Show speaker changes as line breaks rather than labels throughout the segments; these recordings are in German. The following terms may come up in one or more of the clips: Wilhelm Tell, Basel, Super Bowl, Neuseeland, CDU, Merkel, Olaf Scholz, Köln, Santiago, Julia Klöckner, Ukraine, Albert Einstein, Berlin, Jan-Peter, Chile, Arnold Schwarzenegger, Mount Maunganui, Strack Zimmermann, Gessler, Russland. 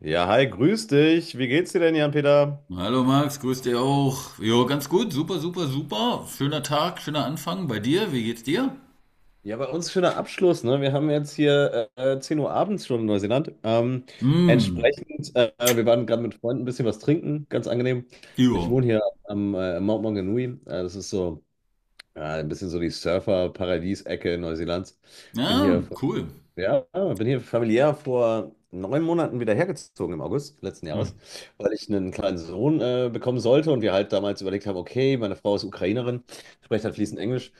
Ja, hi, grüß dich. Wie geht's dir denn, Jan-Peter?
Hallo Max, grüß dich auch. Jo, ganz gut, super, super, super. Schöner Tag, schöner Anfang bei dir. Wie geht's dir?
Ja, bei uns schöner Abschluss, ne? Wir haben jetzt hier 10 Uhr abends schon in Neuseeland. Ähm,
Hm,
entsprechend, wir waren gerade mit Freunden ein bisschen was trinken, ganz angenehm. Ich
jo.
wohne hier am Mount Maunganui. Das ist so, ja, ein bisschen so die Surfer-Paradies-Ecke Neuseelands. Bin
Ja,
hier von
cool.
Ja, bin hier familiär vor 9 Monaten wieder hergezogen im August letzten
Hm.
Jahres, weil ich einen kleinen Sohn bekommen sollte und wir halt damals überlegt haben, okay, meine Frau ist Ukrainerin, spricht halt fließend Englisch.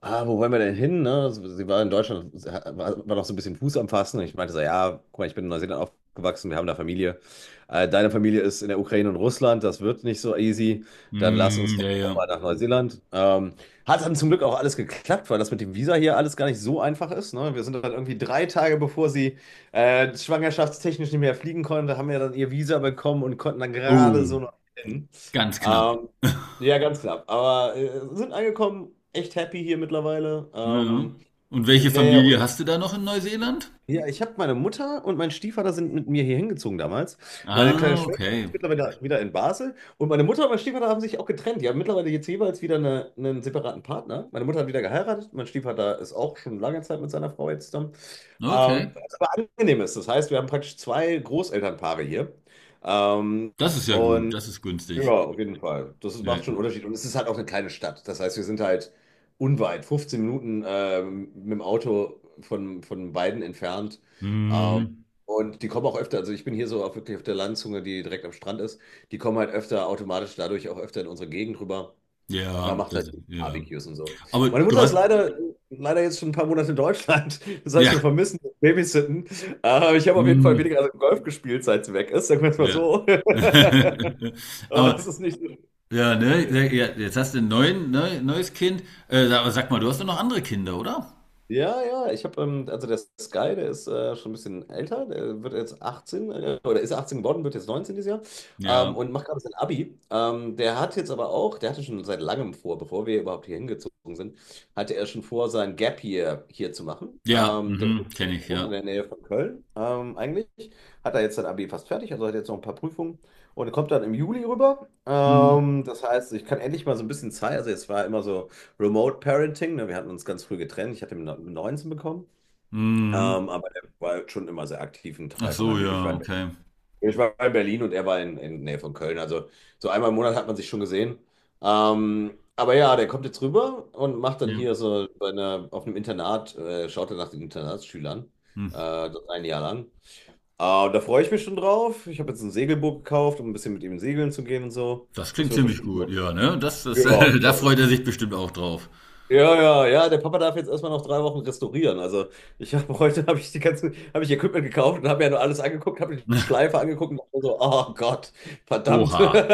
Wo wollen wir denn hin? Ne? Also, sie war in Deutschland, war noch so ein bisschen Fuß am Fassen. Und ich meinte so, ja, guck mal, ich bin in Neuseeland aufgewachsen, wir haben da Familie. Deine Familie ist in der Ukraine und Russland, das wird nicht so easy. Dann lass uns
Hm,
doch
ja, ja.
mal nach Neuseeland. Hat dann zum Glück auch alles geklappt, weil das mit dem Visa hier alles gar nicht so einfach ist. Ne? Wir sind dann irgendwie 3 Tage, bevor sie schwangerschaftstechnisch nicht mehr fliegen konnte, haben wir dann ihr Visa bekommen und konnten dann gerade
Oh,
so noch hin.
ganz knapp.
Ähm, ja, ganz knapp. Aber sind angekommen, echt happy hier mittlerweile.
Ja.
Ähm,
Und welche
nee,
Familie
und
hast du da noch in Neuseeland?
ja, ich habe meine Mutter und mein Stiefvater sind mit mir hier hingezogen damals. Meine kleine
Ah,
Schwester, die
okay.
ist mittlerweile wieder in Basel. Und meine Mutter und mein Stiefvater haben sich auch getrennt. Die haben mittlerweile jetzt jeweils wieder eine, einen separaten Partner. Meine Mutter hat wieder geheiratet. Mein Stiefvater ist auch schon lange Zeit mit seiner Frau jetzt zusammen. Ähm,
Okay.
was aber angenehm ist. Das heißt, wir haben praktisch zwei Großelternpaare hier. Ähm,
Das ist ja gut,
und
das ist
ja,
günstig.
auf jeden Fall.
Ja,
Macht schon einen Unterschied. Und es ist halt auch eine kleine Stadt. Das heißt, wir sind halt unweit, 15 Minuten mit dem Auto von beiden entfernt. Ähm,
hm,
und die kommen auch öfter, also ich bin hier so auf, wirklich auf der Landzunge, die direkt am Strand ist. Die kommen halt öfter automatisch dadurch auch öfter in unsere Gegend rüber. Man
ja,
macht
das
halt
ist, ja.
Barbecues und so.
Aber
Meine
du
Mutter ist
hast,
leider, leider jetzt schon ein paar Monate in Deutschland. Das heißt, wir
ja,
vermissen das Babysitten. Ich habe auf jeden
hm,
Fall weniger also Golf gespielt, seit sie weg ist. Sagen wir es mal
ja.
so. Aber
Aber
es ist nicht so.
ja, ne? Ja, ja, jetzt hast du ein neuen, ne, neues Kind. Aber sag mal, du hast doch noch andere Kinder, oder?
Ja, ja, ich habe, also der Sky, der ist schon ein bisschen älter, der wird jetzt 18, oder ist 18 geworden, wird jetzt 19 dieses Jahr,
Ja.
und macht gerade sein Abi. Der hat jetzt aber auch, der hatte schon seit langem vor, bevor wir überhaupt hier hingezogen sind, hatte er schon vor, sein Gap Year hier zu machen.
Ja,
Ähm, der,
mhm,
wohnt-
kenne ich,
der wohnt in
ja.
der Nähe von Köln, eigentlich, hat er jetzt sein Abi fast fertig, also hat jetzt noch ein paar Prüfungen und kommt dann im Juli rüber.
Mhm.
Das heißt, ich kann endlich mal so ein bisschen Zeit, also jetzt war immer so, Remote Parenting. Ne? Wir hatten uns ganz früh getrennt. Ich hatte ihn mit 19 bekommen.
Mhm.
Aber er war schon immer sehr aktiv ein
Ach
Teil von
so,
meinem Leben. Ich
ja,
war in Berlin.
okay.
Ich war in Berlin und er war in der Nähe von Köln. Also so einmal im Monat hat man sich schon gesehen. Aber ja, der kommt jetzt rüber und macht dann
Ja.
hier so bei einer, auf einem Internat, schaut er nach den Internatsschülern.
Hm.
Das ein Jahr lang. Äh, da freue ich mich schon drauf. Ich habe jetzt ein Segelboot gekauft, um ein bisschen mit ihm segeln zu gehen und so.
Das
Das
klingt
wird
ziemlich
bestimmt.
gut, ja, ne?
Ja,
Da
cool.
freut er sich bestimmt auch drauf.
Ja, ja, ja, der Papa darf jetzt erstmal noch 3 Wochen restaurieren. Also ich habe heute habe ich Equipment gekauft und habe mir ja nur alles angeguckt, habe die Schleife angeguckt und dachte so, oh Gott, verdammt.
Oha.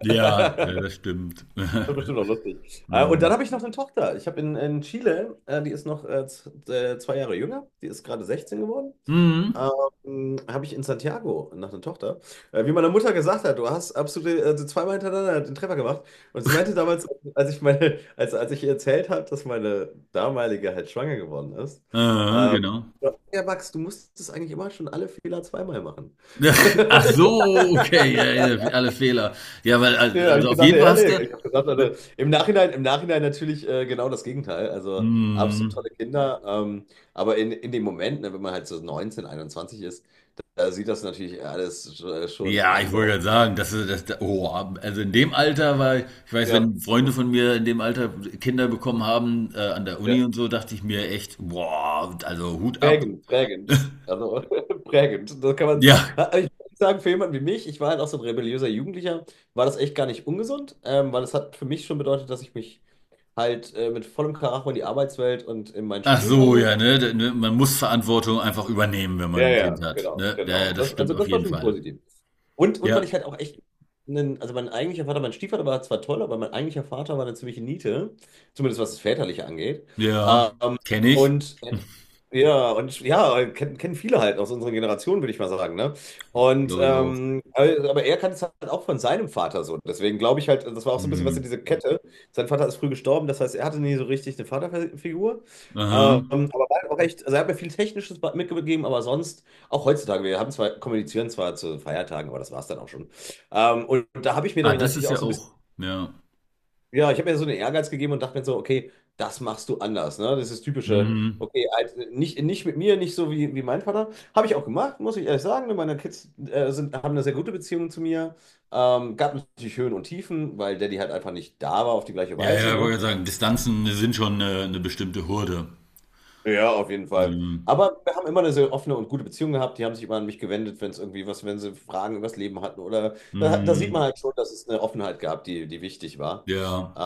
Ja, ja, das stimmt.
Das ist bestimmt auch lustig. Und dann
Mhm.
habe ich noch eine Tochter. Ich habe in Chile, die ist noch 2 Jahre jünger, die ist gerade 16 geworden.
Mhm.
Habe ich in Santiago nach einer Tochter. Wie meine Mutter gesagt hat, du hast absolut also zweimal hintereinander den Treffer gemacht. Und sie meinte damals, als ich meine, als ich ihr erzählt habe, dass meine damalige halt schwanger geworden ist.
Genau.
Ja, ja, Max, du musstest eigentlich immer schon alle Fehler zweimal machen.
Ach so, okay, ja, ja, alle Fehler. Ja, weil, also
Ja, hab
also
ich
auf
gedacht,
jeden Fall
ja,
hast
nee,
du.
ich habe gedacht, also, im Nachhinein natürlich genau das Gegenteil. Also absolut
Mhm.
tolle Kinder. Aber in dem Moment, ne, wenn man halt so 19, 21 ist, da sieht das natürlich alles schon
Ja, ich wollte
atemberaubend.
gerade sagen, das ist das, oh, also in dem Alter war, ich weiß,
Ja,
wenn Freunde
das
von
ist,
mir in dem Alter Kinder bekommen haben, an der
ja,
Uni und so, dachte ich mir echt, boah, also Hut ab.
prägend, prägend. Also prägend. Das kann man.
Ja,
Ha, ich muss sagen, für jemanden wie mich, ich war halt auch so ein rebelliöser Jugendlicher, war das echt gar nicht ungesund, weil es hat für mich schon bedeutet, dass ich mich halt mit vollem Karacho in die Arbeitswelt und in mein
ach
Studium
so,
reinge.
ja, ne, ne, man muss Verantwortung einfach übernehmen, wenn
Ja,
man ein Kind
ja,
hat,
genau,
ne? Ja,
genau.
ja, das
Das,
stimmt
also
auf
das war
jeden
schon
Fall.
positiv. Und weil
Ja,
ich halt auch echt, einen, also mein eigentlicher Vater, mein Stiefvater war zwar toll, aber mein eigentlicher Vater war eine ziemliche Niete, zumindest was das Väterliche angeht.
ja,
Ähm,
kenne ich,
und ja, und ja, kennen viele halt aus unserer Generation, würde ich mal sagen, ne? Und
glaube ich auch.
aber er kannte es halt auch von seinem Vater so. Deswegen glaube ich halt, das war auch so ein bisschen was in
Hm.
diese Kette. Sein Vater ist früh gestorben, das heißt, er hatte nie so richtig eine Vaterfigur.
Aha.
Aber war auch echt, also er hat mir viel Technisches mitgegeben, aber sonst, auch heutzutage, wir haben zwar, kommunizieren zwar zu Feiertagen, aber das war es dann auch schon. Und da habe ich mir
Ah,
dann
das
natürlich
ist
auch
ja
so ein bisschen,
auch, ja.
ja, ich habe mir so einen Ehrgeiz gegeben und dachte mir so, okay, das machst du anders, ne? Das ist typische,
Mhm.
okay, halt, nicht, nicht mit mir, nicht so wie, mein Vater. Habe ich auch gemacht, muss ich ehrlich sagen. Meine Kids sind, haben eine sehr gute Beziehung zu mir. Gab natürlich Höhen und Tiefen, weil Daddy halt einfach nicht da war auf die gleiche
Ja,
Weise,
ja, ich
ne?
wollte gerade sagen, Distanzen sind schon eine bestimmte Hürde.
Ja, auf jeden Fall.
Mhm.
Aber wir haben immer eine sehr offene und gute Beziehung gehabt. Die haben sich immer an mich gewendet, wenn es irgendwie was, wenn sie Fragen über Leben hatten. Oder da sieht
Mhm.
man halt schon, dass es eine Offenheit gab, die, die wichtig war.
Ja.
Ähm,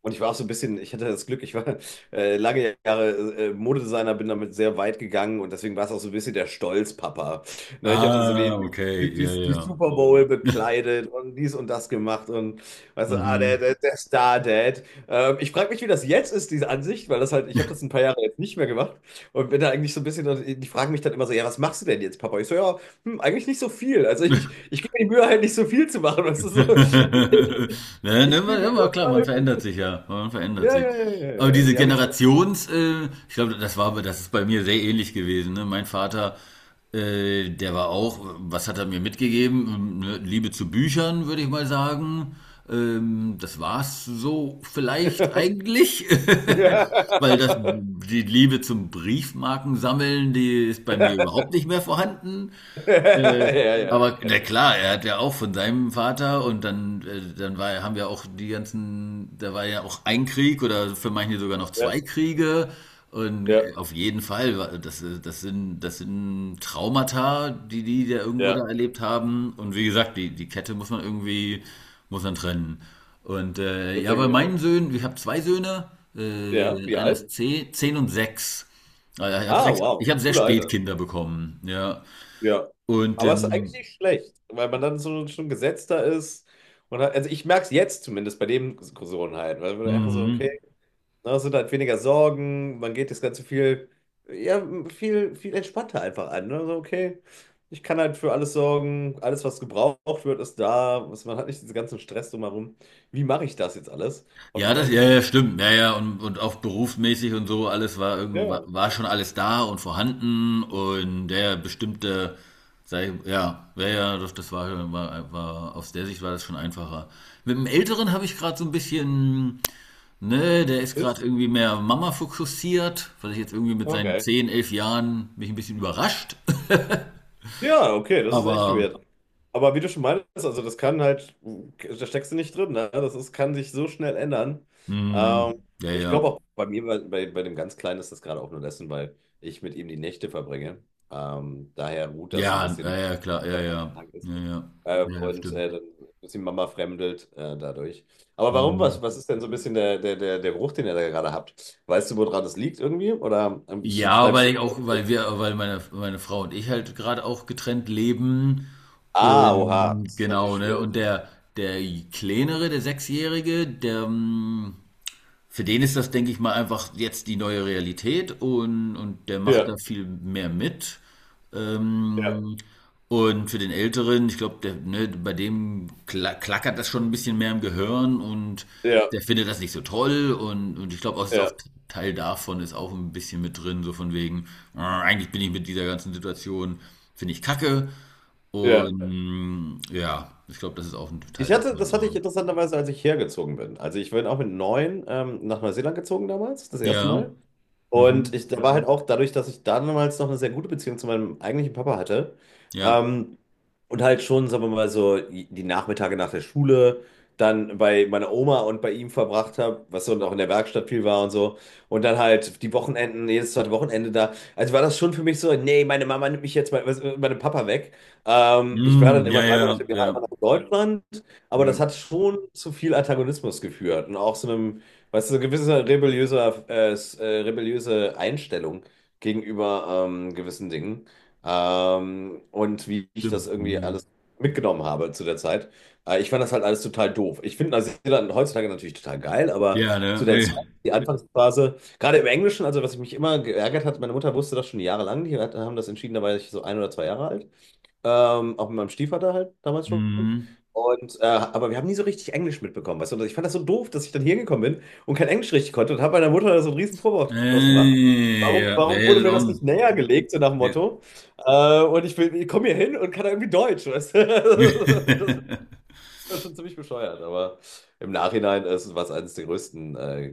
Und ich war auch so ein bisschen, ich hatte das Glück, ich war lange Jahre Modedesigner, bin damit sehr weit gegangen und deswegen war es auch so ein bisschen der Stolzpapa. Ne, ich habe dann so die,
Ah, okay.
die,
Ja,
die, die
ja.
Super Bowl bekleidet und dies und das gemacht und weißt du, ah, der,
Mhm.
der, der Star-Dad. Ich frage mich, wie das jetzt ist, diese Ansicht, weil das halt, ich habe das ein paar Jahre jetzt nicht mehr gemacht und bin da eigentlich so ein bisschen, die fragen mich dann immer so, ja, was machst du denn jetzt, Papa? Ich so, ja, hm, eigentlich nicht so viel. Also ich gebe mir die Mühe halt nicht so viel zu machen. Das ist so.
Ne, ne,
Ich spiele
immer,
viel
immer
Golf.
klar, man verändert sich ja, man verändert
Ja,
sich.
ja, ja, ja,
Aber
ja, ja,
diese
ich habe jetzt.
Generations, ich glaube, das war, das ist bei mir sehr ähnlich gewesen. Ne? Mein Vater, der war auch, was hat er mir mitgegeben? Ne, Liebe zu Büchern, würde ich mal sagen. Das war's so vielleicht eigentlich.
Ja.
Weil das, die Liebe zum Briefmarkensammeln, die ist bei mir überhaupt nicht mehr vorhanden. Äh,
Ja, ja,
aber
das kenne
na
ich auch.
klar, er hat ja auch von seinem Vater und dann, dann war, haben wir auch die ganzen, da war ja auch ein Krieg oder für manche sogar noch
Ja,
zwei Kriege. Und
ja,
auf jeden Fall, das sind Traumata, die die da irgendwo
ja,
da erlebt haben. Und wie gesagt, die Kette muss man irgendwie, muss man trennen. Und
das
ja,
denke
bei
ich
meinen
auch.
Söhnen, ich habe zwei Söhne,
Ja, wie
einer ist
alt?
zehn, 10 und 6. Also ich habe
Ah,
recht, ich
wow,
habe sehr
cooler
spät
Alter.
Kinder bekommen, ja.
Ja.
Und,
Aber es ist eigentlich
ähm,
nicht schlecht, weil man dann so schon gesetzter ist. Und hat, also ich merke es jetzt zumindest bei dem Diskussionen halt, weil man einfach so, okay,
mhm.
na, es sind halt weniger Sorgen, man geht das Ganze viel, ja, viel, viel entspannter einfach an. Ne? So, okay, ich kann halt für alles sorgen, alles, was gebraucht wird, ist da. Was, man hat nicht diesen ganzen Stress drumherum. Wie mache ich das jetzt alles? Auf die
Ja, das,
gleiche
ja, ja,
Weise.
stimmt. Ja, ja, und auch berufsmäßig und so, alles war irgendwie, war,
Ja,
war
genau.
schon alles da und vorhanden und ja, ja, ja, ja, ja, das, das war, war, war, aus der Sicht war das schon einfacher. Mit dem Älteren habe ich gerade so ein bisschen, ne, der ist gerade
Twist.
irgendwie mehr Mama fokussiert, weil ich jetzt irgendwie mit seinen
Okay.
10 11 Jahren mich ein bisschen überrascht.
Ja, okay, das ist echt
Aber,
weird. Aber wie du schon meintest, also das kann halt, da steckst du nicht drin, ne? Das ist, kann sich so schnell ändern.
mh,
Ähm,
ja,
Ich
ja.
glaube auch bei mir, bei, bei dem ganz Kleinen ist das gerade auch nur dessen, weil ich mit ihm die Nächte verbringe. Daher ruht das so ein
Ja, ja,
bisschen,
ja, klar, ja,
was dann
ja.
Anfang ist.
Ja, ja.
Äh,
Ja, ja,
und
stimmt.
dann ist die Mama fremdelt dadurch. Aber warum,
Mhm.
was ist denn so ein bisschen der Geruch, den ihr da gerade habt? Weißt du, woran das liegt irgendwie? Oder
Ja,
schneidest
weil
du?
ich auch weil meine Frau und ich halt gerade auch getrennt leben
Ah, oha,
und
das ist natürlich
genau, ne?
schwierig.
Und der Kleinere, der Sechsjährige, der, hm Für den ist das, denke ich mal, einfach jetzt die neue Realität und der macht
Ja,
da viel mehr mit.
ja,
Ähm, und für den Älteren, ich glaube, der, ne, bei dem klackert das schon ein bisschen mehr im Gehirn und
ja,
der findet das nicht so toll und ich glaube, auch, ist auch
ja,
Teil davon ist auch ein bisschen mit drin, so von wegen, eigentlich bin ich mit dieser ganzen Situation, finde ich kacke
ja.
und ja, ich glaube, das ist auch ein Teil davon,
Das hatte
aber
ich interessanterweise, als ich hergezogen bin. Also ich bin auch mit 9 nach Neuseeland gezogen damals, das erste
ja,
Mal. Und
mhm,
ich, da war halt auch dadurch, dass ich damals noch eine sehr gute Beziehung zu meinem eigentlichen Papa hatte,
ja.
ähm, und halt schon, sagen wir mal so, die Nachmittage nach der Schule dann bei meiner Oma und bei ihm verbracht habe, was so und auch in der Werkstatt viel war und so. Und dann halt die Wochenenden, jedes zweite Wochenende da. Also war das schon für mich so, nee, meine Mama nimmt mich jetzt meinem Papa weg. Ich war dann
Mhm,
immer
ja,
drei
ja,
Monate im Jahr
ja.
einfach nach Deutschland, aber
Ja.
das hat schon zu viel Antagonismus geführt und auch so einem. Weißt du, so gewisse rebelliöse Einstellung gegenüber gewissen Dingen, und wie ich das
Stimmt.
irgendwie
Mhm.
alles mitgenommen habe zu der Zeit. Ich fand das halt alles total doof. Ich finde Neuseeland heutzutage natürlich total geil, aber
Ja,
zu
ne?
der
Ey.
Zeit, die Anfangsphase, gerade im Englischen, also was mich immer geärgert hat, meine Mutter wusste das schon jahrelang, die hat, haben das entschieden, da war ich so 1 oder 2 Jahre alt. Auch mit meinem Stiefvater halt damals schon.
Mhm.
Und, aber wir haben nie so richtig Englisch mitbekommen. Weißt du? Und ich fand das so doof, dass ich dann hier gekommen bin und kein Englisch richtig konnte und habe meiner Mutter da so einen riesen Vorwurf draus gemacht.
Ja,
Warum,
ja, ja,
warum
das
wurde
ist
mir
auch
das nicht
ein,
näher gelegt, so nach dem
ja.
Motto? Und ich komme hier hin und kann da irgendwie Deutsch, weißt du? Das war schon ziemlich bescheuert, aber im Nachhinein ist es eines der größten äh,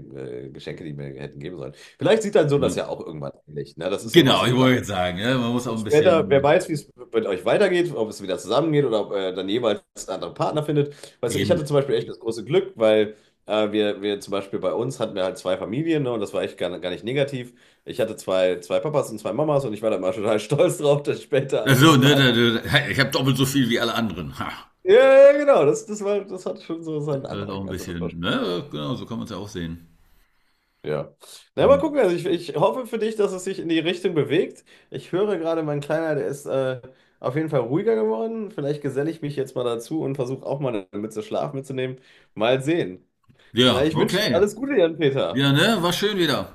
äh, Geschenke, die mir hätten geben sollen. Vielleicht sieht dein Sohn das
Ne.
ja auch irgendwann ähnlich. Ne? Das ist ja immer
Genau,
so
ich
eine
wollte
Sache.
jetzt sagen, ja man muss auch
Und
ein
später, wer
bisschen
weiß, wie es mit euch weitergeht, ob es wieder zusammengeht oder ob ihr dann jeweils andere Partner findet. Weißt du, ich hatte
eben.
zum Beispiel echt das große Glück, weil wir zum Beispiel bei uns hatten wir halt zwei Familien, ne, und das war echt gar nicht negativ. Ich hatte zwei, zwei Papas und zwei Mamas und ich war da immer total stolz drauf, dass später,
Ach
also
so,
das
ne,
hat,
hey, ich habe doppelt so viel wie alle anderen. Ha,
ja, ja, genau, das war, das hat schon so
das
seinen
ist auch ein
Andrang. Also das war.
bisschen, ne, genau, so kann man es ja auch sehen.
Ja. Na, mal gucken.
Mhm.
Also ich hoffe für dich, dass es sich in die Richtung bewegt. Ich höre gerade, mein Kleiner, der ist auf jeden Fall ruhiger geworden. Vielleicht geselle ich mich jetzt mal dazu und versuche auch mal eine Mütze Schlaf mitzunehmen. Mal sehen. Na,
Ja,
ich wünsche dir
okay.
alles Gute, Jan-Peter.
Ja, ne, war schön wieder.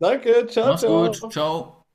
Danke, ciao,
Mach's gut.
ciao.
Ciao.